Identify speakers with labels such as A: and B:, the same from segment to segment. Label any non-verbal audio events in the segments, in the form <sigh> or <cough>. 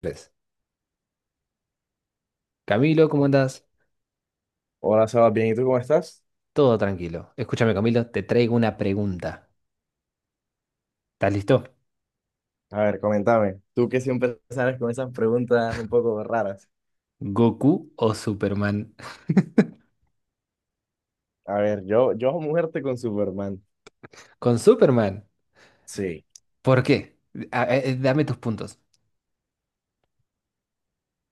A: Tres. Camilo, ¿cómo andás?
B: Hola, Sebas, bien, ¿y tú cómo estás?
A: Todo tranquilo. Escúchame, Camilo, te traigo una pregunta. ¿Estás listo?
B: A ver, coméntame, tú que siempre sales con esas preguntas un poco raras.
A: ¿Goku o Superman?
B: A ver, yo muerte con Superman.
A: <laughs> Con Superman.
B: Sí,
A: ¿Por qué? Dame tus puntos.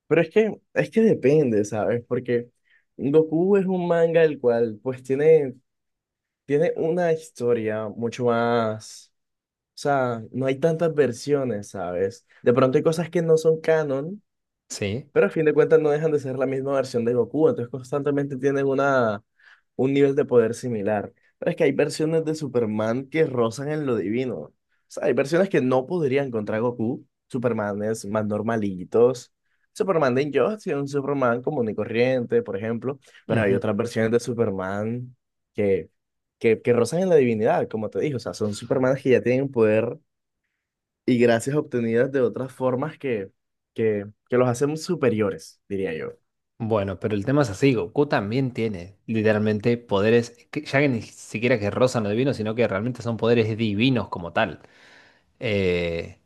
B: pero es que depende, ¿sabes? Porque Goku es un manga el cual, pues, tiene una historia mucho más, o sea, no hay tantas versiones, ¿sabes? De pronto hay cosas que no son canon,
A: Sí.
B: pero a fin de cuentas no dejan de ser la misma versión de Goku, entonces constantemente tienen una, un nivel de poder similar. Pero es que hay versiones de Superman que rozan en lo divino. O sea, hay versiones que no podrían contra Goku, Supermanes más normalitos, Superman de Injustice, un Superman común y corriente, por ejemplo, pero hay
A: Ujú.
B: otras versiones de Superman que, que rozan en la divinidad, como te dije, o sea, son Supermanes que ya tienen un poder y gracias obtenidas de otras formas que, que los hacen superiores, diría yo.
A: Bueno, pero el tema es así, Goku también tiene literalmente poderes, que ya que ni siquiera que rozan lo divino, sino que realmente son poderes divinos como tal. Eh,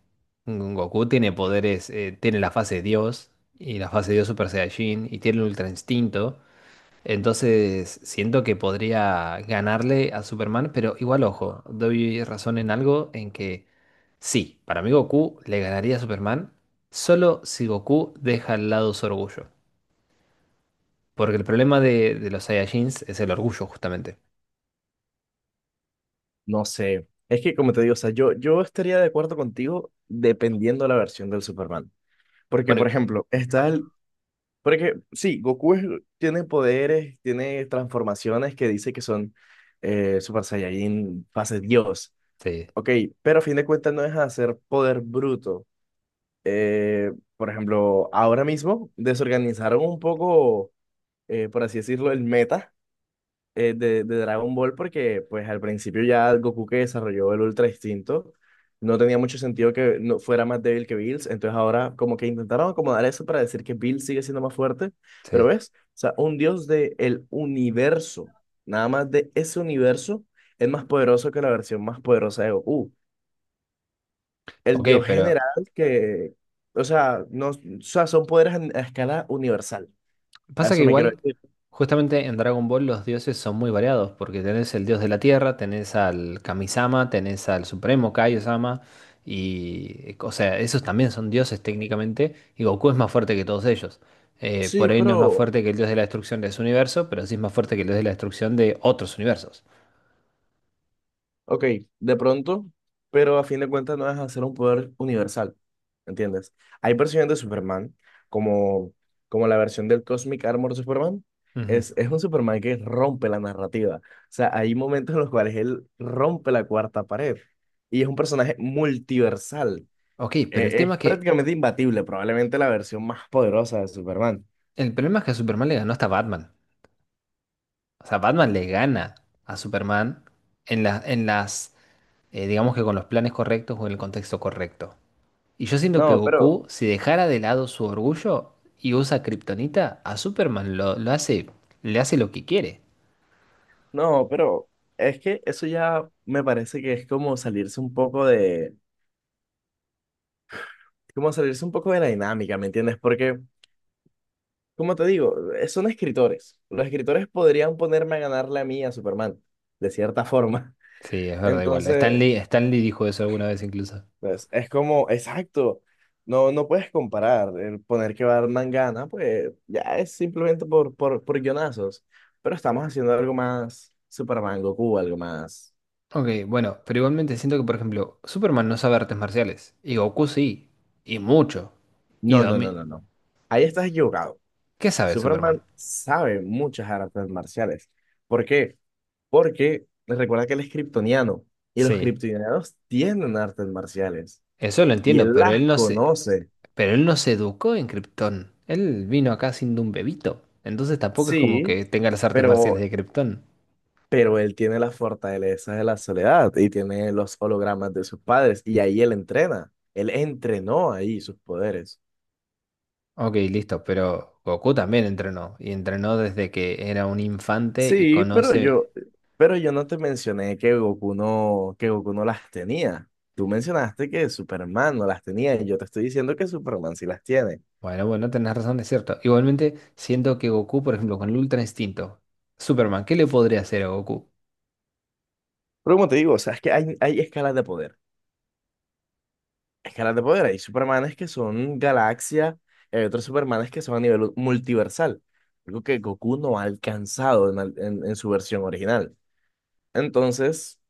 A: Goku tiene poderes, tiene la fase de Dios y la fase de Dios Super Saiyajin y tiene el Ultra Instinto. Entonces siento que podría ganarle a Superman, pero igual ojo, doy razón en algo en que sí, para mí Goku le ganaría a Superman solo si Goku deja al lado su orgullo. Porque el problema de los Saiyajins es el orgullo, justamente.
B: No sé, es que como te digo, o sea, yo estaría de acuerdo contigo dependiendo de la versión del Superman. Porque, por
A: Bueno,
B: ejemplo, está el... Porque sí, tiene poderes, tiene transformaciones que dice que son Super Saiyajin, fase Dios.
A: sí,
B: Ok, pero a fin de cuentas no es hacer poder bruto. Eh, por ejemplo, ahora mismo desorganizaron un poco, por así decirlo, el meta de Dragon Ball porque pues al principio ya Goku que desarrolló el Ultra Instinto no tenía mucho sentido que no fuera más débil que Bills, entonces ahora como que intentaron acomodar eso para decir que Bills sigue siendo más fuerte, pero
A: sí.
B: ves, o sea, un dios del universo, nada más de ese universo, es más poderoso que la versión más poderosa de Goku. El
A: Ok,
B: dios
A: pero
B: general que, o sea, no, o sea, son poderes a escala universal, a
A: pasa que
B: eso me quiero
A: igual,
B: decir.
A: justamente en Dragon Ball los dioses son muy variados, porque tenés el dios de la tierra, tenés al Kami-sama, tenés al supremo Kaio-sama, y, o sea, esos también son dioses técnicamente, y Goku es más fuerte que todos ellos.
B: Sí,
A: Por ahí no es más
B: pero
A: fuerte que el dios de la destrucción de su universo, pero sí es más fuerte que el dios de la destrucción de otros universos.
B: ok, de pronto, pero a fin de cuentas no es hacer un poder universal, ¿entiendes? Hay versiones de Superman, como, como la versión del Cosmic Armor Superman.
A: Ujú.
B: Es un Superman que rompe la narrativa. O sea, hay momentos en los cuales él rompe la cuarta pared. Y es un personaje multiversal.
A: Ok, pero el tema
B: Es
A: es que
B: prácticamente imbatible, probablemente la versión más poderosa de Superman.
A: el problema es que a Superman le ganó hasta Batman. O sea, Batman le gana a Superman en las, digamos, que con los planes correctos o en el contexto correcto. Y yo siento que
B: No, pero,
A: Goku, si dejara de lado su orgullo y usa Kryptonita, a Superman lo hace, le hace lo que quiere.
B: no, pero es que eso ya me parece que es como salirse un poco de la dinámica, ¿me entiendes? Porque, como te digo, son escritores. Los escritores podrían ponerme a ganarle a mí a Superman, de cierta forma.
A: Sí, es
B: <laughs>
A: verdad, igual.
B: Entonces,
A: Stan Lee dijo eso alguna vez incluso.
B: pues, es como, exacto, no puedes comparar. El poner que Batman gana, pues ya es simplemente por, por guionazos. Pero estamos haciendo algo más Superman, Goku, algo más...
A: Ok, bueno, pero igualmente siento que, por ejemplo, Superman no sabe artes marciales. Y Goku sí. Y mucho. Y
B: No, no, no, no, no. Ahí estás equivocado.
A: ¿qué sabe
B: Superman
A: Superman?
B: sabe muchas artes marciales. ¿Por qué? Porque recuerda que él es kriptoniano y los
A: Sí.
B: kriptonianos tienen artes marciales
A: Eso lo
B: y
A: entiendo,
B: él las conoce.
A: pero él no se educó en Krypton. Él vino acá siendo un bebito. Entonces tampoco es como
B: Sí,
A: que tenga las artes
B: pero,
A: marciales de Krypton.
B: pero él tiene las fortalezas de la soledad y tiene los hologramas de sus padres y ahí él entrena. Él entrenó ahí sus poderes.
A: Ok, listo, pero Goku también entrenó. Y entrenó desde que era un infante y
B: Sí,
A: conoce.
B: pero yo no te mencioné que Goku no las tenía. Tú mencionaste que Superman no las tenía y yo te estoy diciendo que Superman sí las tiene.
A: Bueno, bueno, tenés razón, es cierto. Igualmente, siento que Goku, por ejemplo, con el Ultra Instinto, Superman, ¿qué le podría hacer a Goku?
B: Pero como te digo, o sea, es que hay escalas de poder. Escalas de poder. Hay Supermanes que son galaxia, hay otros Supermanes que son a nivel multiversal. Algo que Goku no ha alcanzado en su versión original. Entonces...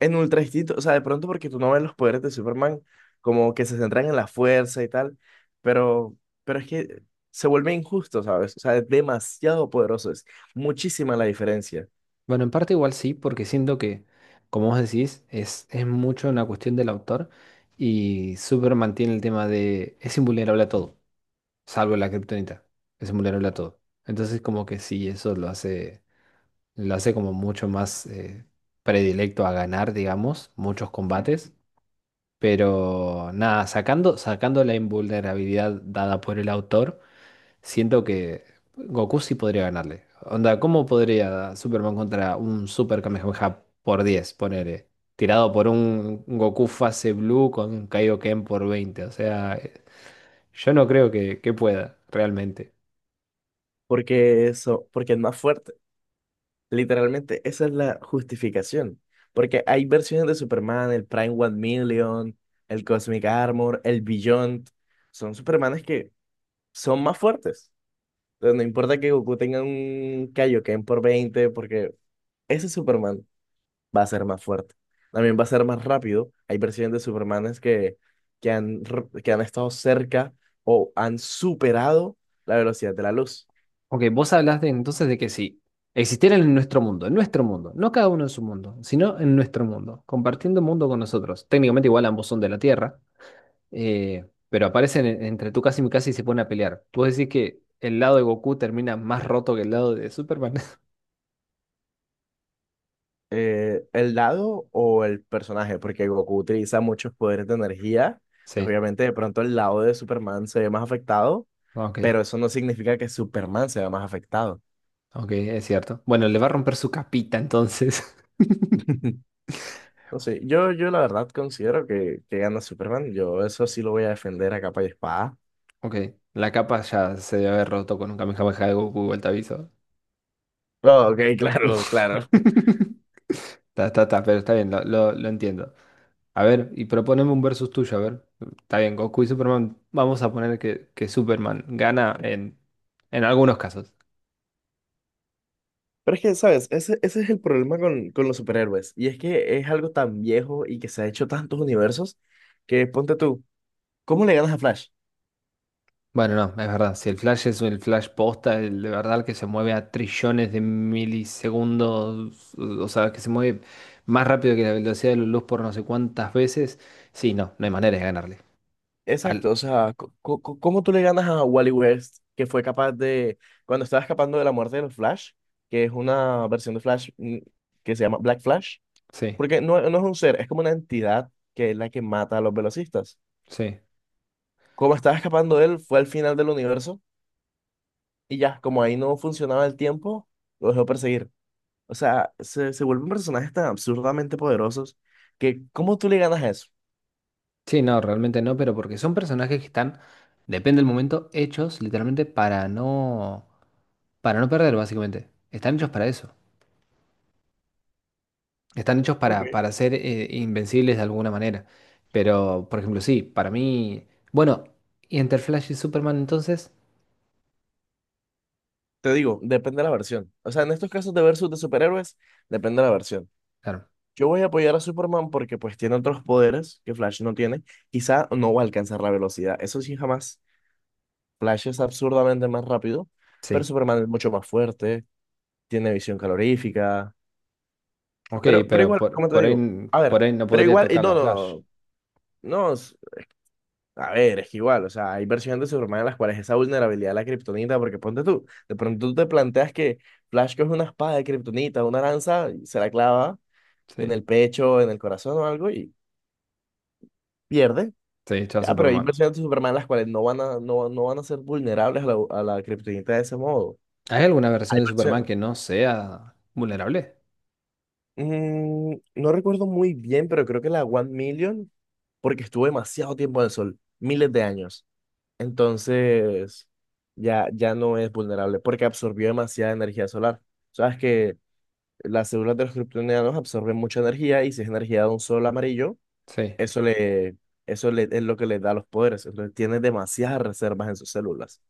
B: en Ultra Instinto, o sea, de pronto porque tú no ves los poderes de Superman como que se centran en la fuerza y tal, pero, pero es que se vuelve injusto, ¿sabes? O sea, es demasiado poderoso, es muchísima la diferencia,
A: Bueno, en parte igual sí, porque siento que, como vos decís, es mucho una cuestión del autor y Super mantiene el tema de es invulnerable a todo, salvo la kriptonita, es invulnerable a todo. Entonces como que sí, lo hace como mucho más, predilecto a ganar, digamos, muchos combates, pero nada, sacando la invulnerabilidad dada por el autor. Siento que Goku sí podría ganarle. Onda, ¿cómo podría Superman contra un Super Kamehameha por 10, ponele? ¿Tirado por un Goku fase blue con Kaioken por 20? O sea, yo no creo que pueda, realmente.
B: porque eso, porque es más fuerte. Literalmente, esa es la justificación, porque hay versiones de Superman, el Prime One Million, el Cosmic Armor, el Beyond, son Supermanes que son más fuertes. Entonces, no importa que Goku tenga un Kaioken por 20, porque ese es Superman va a ser más fuerte. También va a ser más rápido. Hay versiones de Supermanes que, que han estado cerca o han superado la velocidad de la luz.
A: Ok, vos hablaste entonces de que sí, existieran en nuestro mundo, no cada uno en su mundo, sino en nuestro mundo, compartiendo mundo con nosotros. Técnicamente igual ambos son de la Tierra, pero aparecen entre Tsukasa y Mikasa y se ponen a pelear. ¿Vos decís que el lado de Goku termina más roto que el lado de Superman? <laughs>
B: El lado o el personaje, porque Goku utiliza muchos poderes de energía. Entonces,
A: Sí,
B: obviamente, de pronto el lado de Superman se ve más afectado,
A: ok,
B: pero eso no significa que Superman se vea más afectado.
A: ok, es cierto. Bueno, le va a romper su capita entonces. <laughs>
B: <laughs> No sé, yo la verdad considero que gana Superman. Yo eso sí lo voy a defender a capa y espada.
A: Ok, la capa ya se debe haber roto con un Kamehameha de Goku, igual te aviso.
B: Oh, ok, claro, claro.
A: <laughs> Está, está, está, pero está bien, lo entiendo. A ver, y proponeme un versus tuyo, a ver. Está bien, Goku y Superman, vamos a poner que Superman gana en algunos casos.
B: Pero es que, ¿sabes? Ese es el problema con los superhéroes. Y es que es algo tan viejo y que se ha hecho tantos universos que ponte tú, ¿cómo le ganas a Flash?
A: Bueno, no, es verdad. Si el flash es el flash posta, el de verdad que se mueve a trillones de milisegundos, o sea, que se mueve más rápido que la velocidad de la luz por no sé cuántas veces, sí, no, no hay manera de ganarle.
B: Exacto,
A: Al...
B: o sea, ¿cómo tú le ganas a Wally West, que fue capaz de, cuando estaba escapando de la muerte de los Flash, que es una versión de Flash que se llama Black Flash?
A: Sí,
B: Porque no es un ser, es como una entidad que es la que mata a los velocistas.
A: sí.
B: Como estaba escapando de él, fue al final del universo y ya, como ahí no funcionaba el tiempo, lo dejó perseguir. O sea, se vuelven personajes tan absurdamente poderosos que ¿cómo tú le ganas a eso?
A: Sí, no, realmente no, pero porque son personajes que están, depende del momento, hechos literalmente para no perder, básicamente. Están hechos para eso. Están hechos
B: Ok.
A: para ser, invencibles de alguna manera. Pero, por ejemplo, sí, para mí. Bueno, ¿y entre Flash y Superman entonces?
B: Te digo, depende de la versión. O sea, en estos casos de versus de superhéroes, depende de la versión.
A: Claro,
B: Yo voy a apoyar a Superman porque pues tiene otros poderes que Flash no tiene. Quizá no va a alcanzar la velocidad. Eso sí, jamás. Flash es absurdamente más rápido, pero
A: sí.
B: Superman es mucho más fuerte, tiene visión calorífica.
A: Ok,
B: Pero
A: pero
B: igual, como te
A: por ahí,
B: digo. A
A: por
B: ver,
A: ahí no
B: pero
A: podría
B: igual, y
A: tocarlo
B: no,
A: a
B: no,
A: Flash.
B: no. No, no, a ver, es que igual, o sea, hay versiones de Superman en las cuales esa vulnerabilidad de la kriptonita, porque ponte tú, de pronto tú te planteas que Flash coge una espada de kriptonita, una lanza, y se la clava en
A: Sí,
B: el pecho, en el corazón o algo y pierde.
A: sí, está
B: Ya, pero hay
A: Superman.
B: versiones de Superman en las cuales no van a, no van a ser vulnerables a la kriptonita de ese modo.
A: ¿Hay alguna
B: Hay
A: versión de Superman
B: versiones,
A: que no sea vulnerable?
B: mm, no recuerdo muy bien, pero creo que la One Million, porque estuvo demasiado tiempo en el sol, miles de años. Entonces, ya, ya no es vulnerable porque absorbió demasiada energía solar. Sabes que las células de los kryptonianos absorben mucha energía y si es energía de un sol amarillo,
A: Sí.
B: eso le, eso le, es lo que le da los poderes. Entonces, tiene demasiadas reservas en sus células.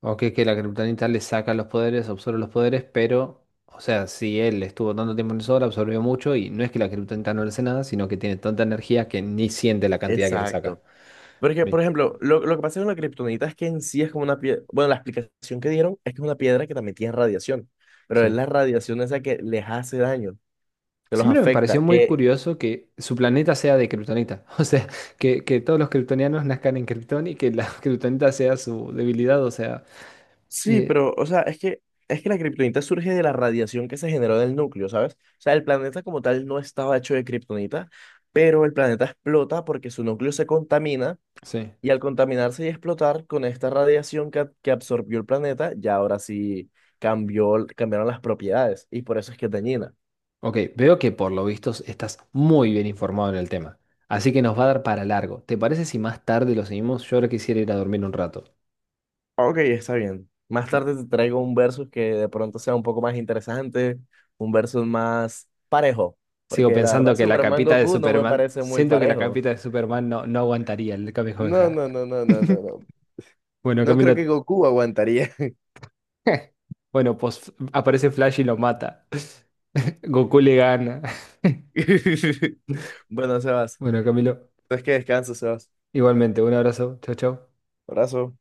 A: Ok, que la Kryptonita le saca los poderes, absorbe los poderes, pero. O sea, si él estuvo tanto tiempo en el sol, absorbió mucho y no es que la Kryptonita no le hace nada, sino que tiene tanta energía que ni siente la cantidad que le saca.
B: Exacto. Porque, por ejemplo, lo que pasa con la kriptonita es que en sí es como una piedra. Bueno, la explicación que dieron es que es una piedra que también tiene radiación, pero es
A: Sí.
B: la radiación esa que les hace daño, que los
A: Siempre me pareció
B: afecta,
A: muy
B: que
A: curioso que su planeta sea de Kryptonita. <laughs> O sea, que todos los kryptonianos nazcan en Krypton y que la <laughs> Kryptonita sea su debilidad. O sea,
B: sí,
A: eh,
B: pero, o sea, es que la kriptonita surge de la radiación que se generó del núcleo, ¿sabes? O sea, el planeta como tal no estaba hecho de kriptonita, pero el planeta explota porque su núcleo se contamina
A: sí.
B: y al contaminarse y explotar con esta radiación que absorbió el planeta, ya ahora sí cambió, cambiaron las propiedades y por eso es que es dañina.
A: Ok, veo que por lo visto estás muy bien informado en el tema. Así que nos va a dar para largo. ¿Te parece si más tarde lo seguimos? Yo ahora quisiera ir a dormir un rato.
B: Ok, está bien. Más tarde te traigo un versus que de pronto sea un poco más interesante, un versus más parejo,
A: Sigo
B: porque la verdad
A: pensando que la
B: Superman
A: capita de
B: Goku no me
A: Superman.
B: parece muy
A: Siento que la
B: parejo.
A: capita de Superman no, no aguantaría el
B: No,
A: Kamehameha.
B: no, no, no, no, no,
A: <laughs>
B: no.
A: Bueno,
B: No creo que
A: Camilo,
B: Goku aguantaría.
A: <laughs> bueno, pues aparece Flash y lo mata. <laughs> Goku le gana. <laughs>
B: <laughs> Bueno, Sebas.
A: Bueno, Camilo,
B: Entonces que descanso, Sebas.
A: igualmente, un abrazo. Chau, chau.
B: Abrazo.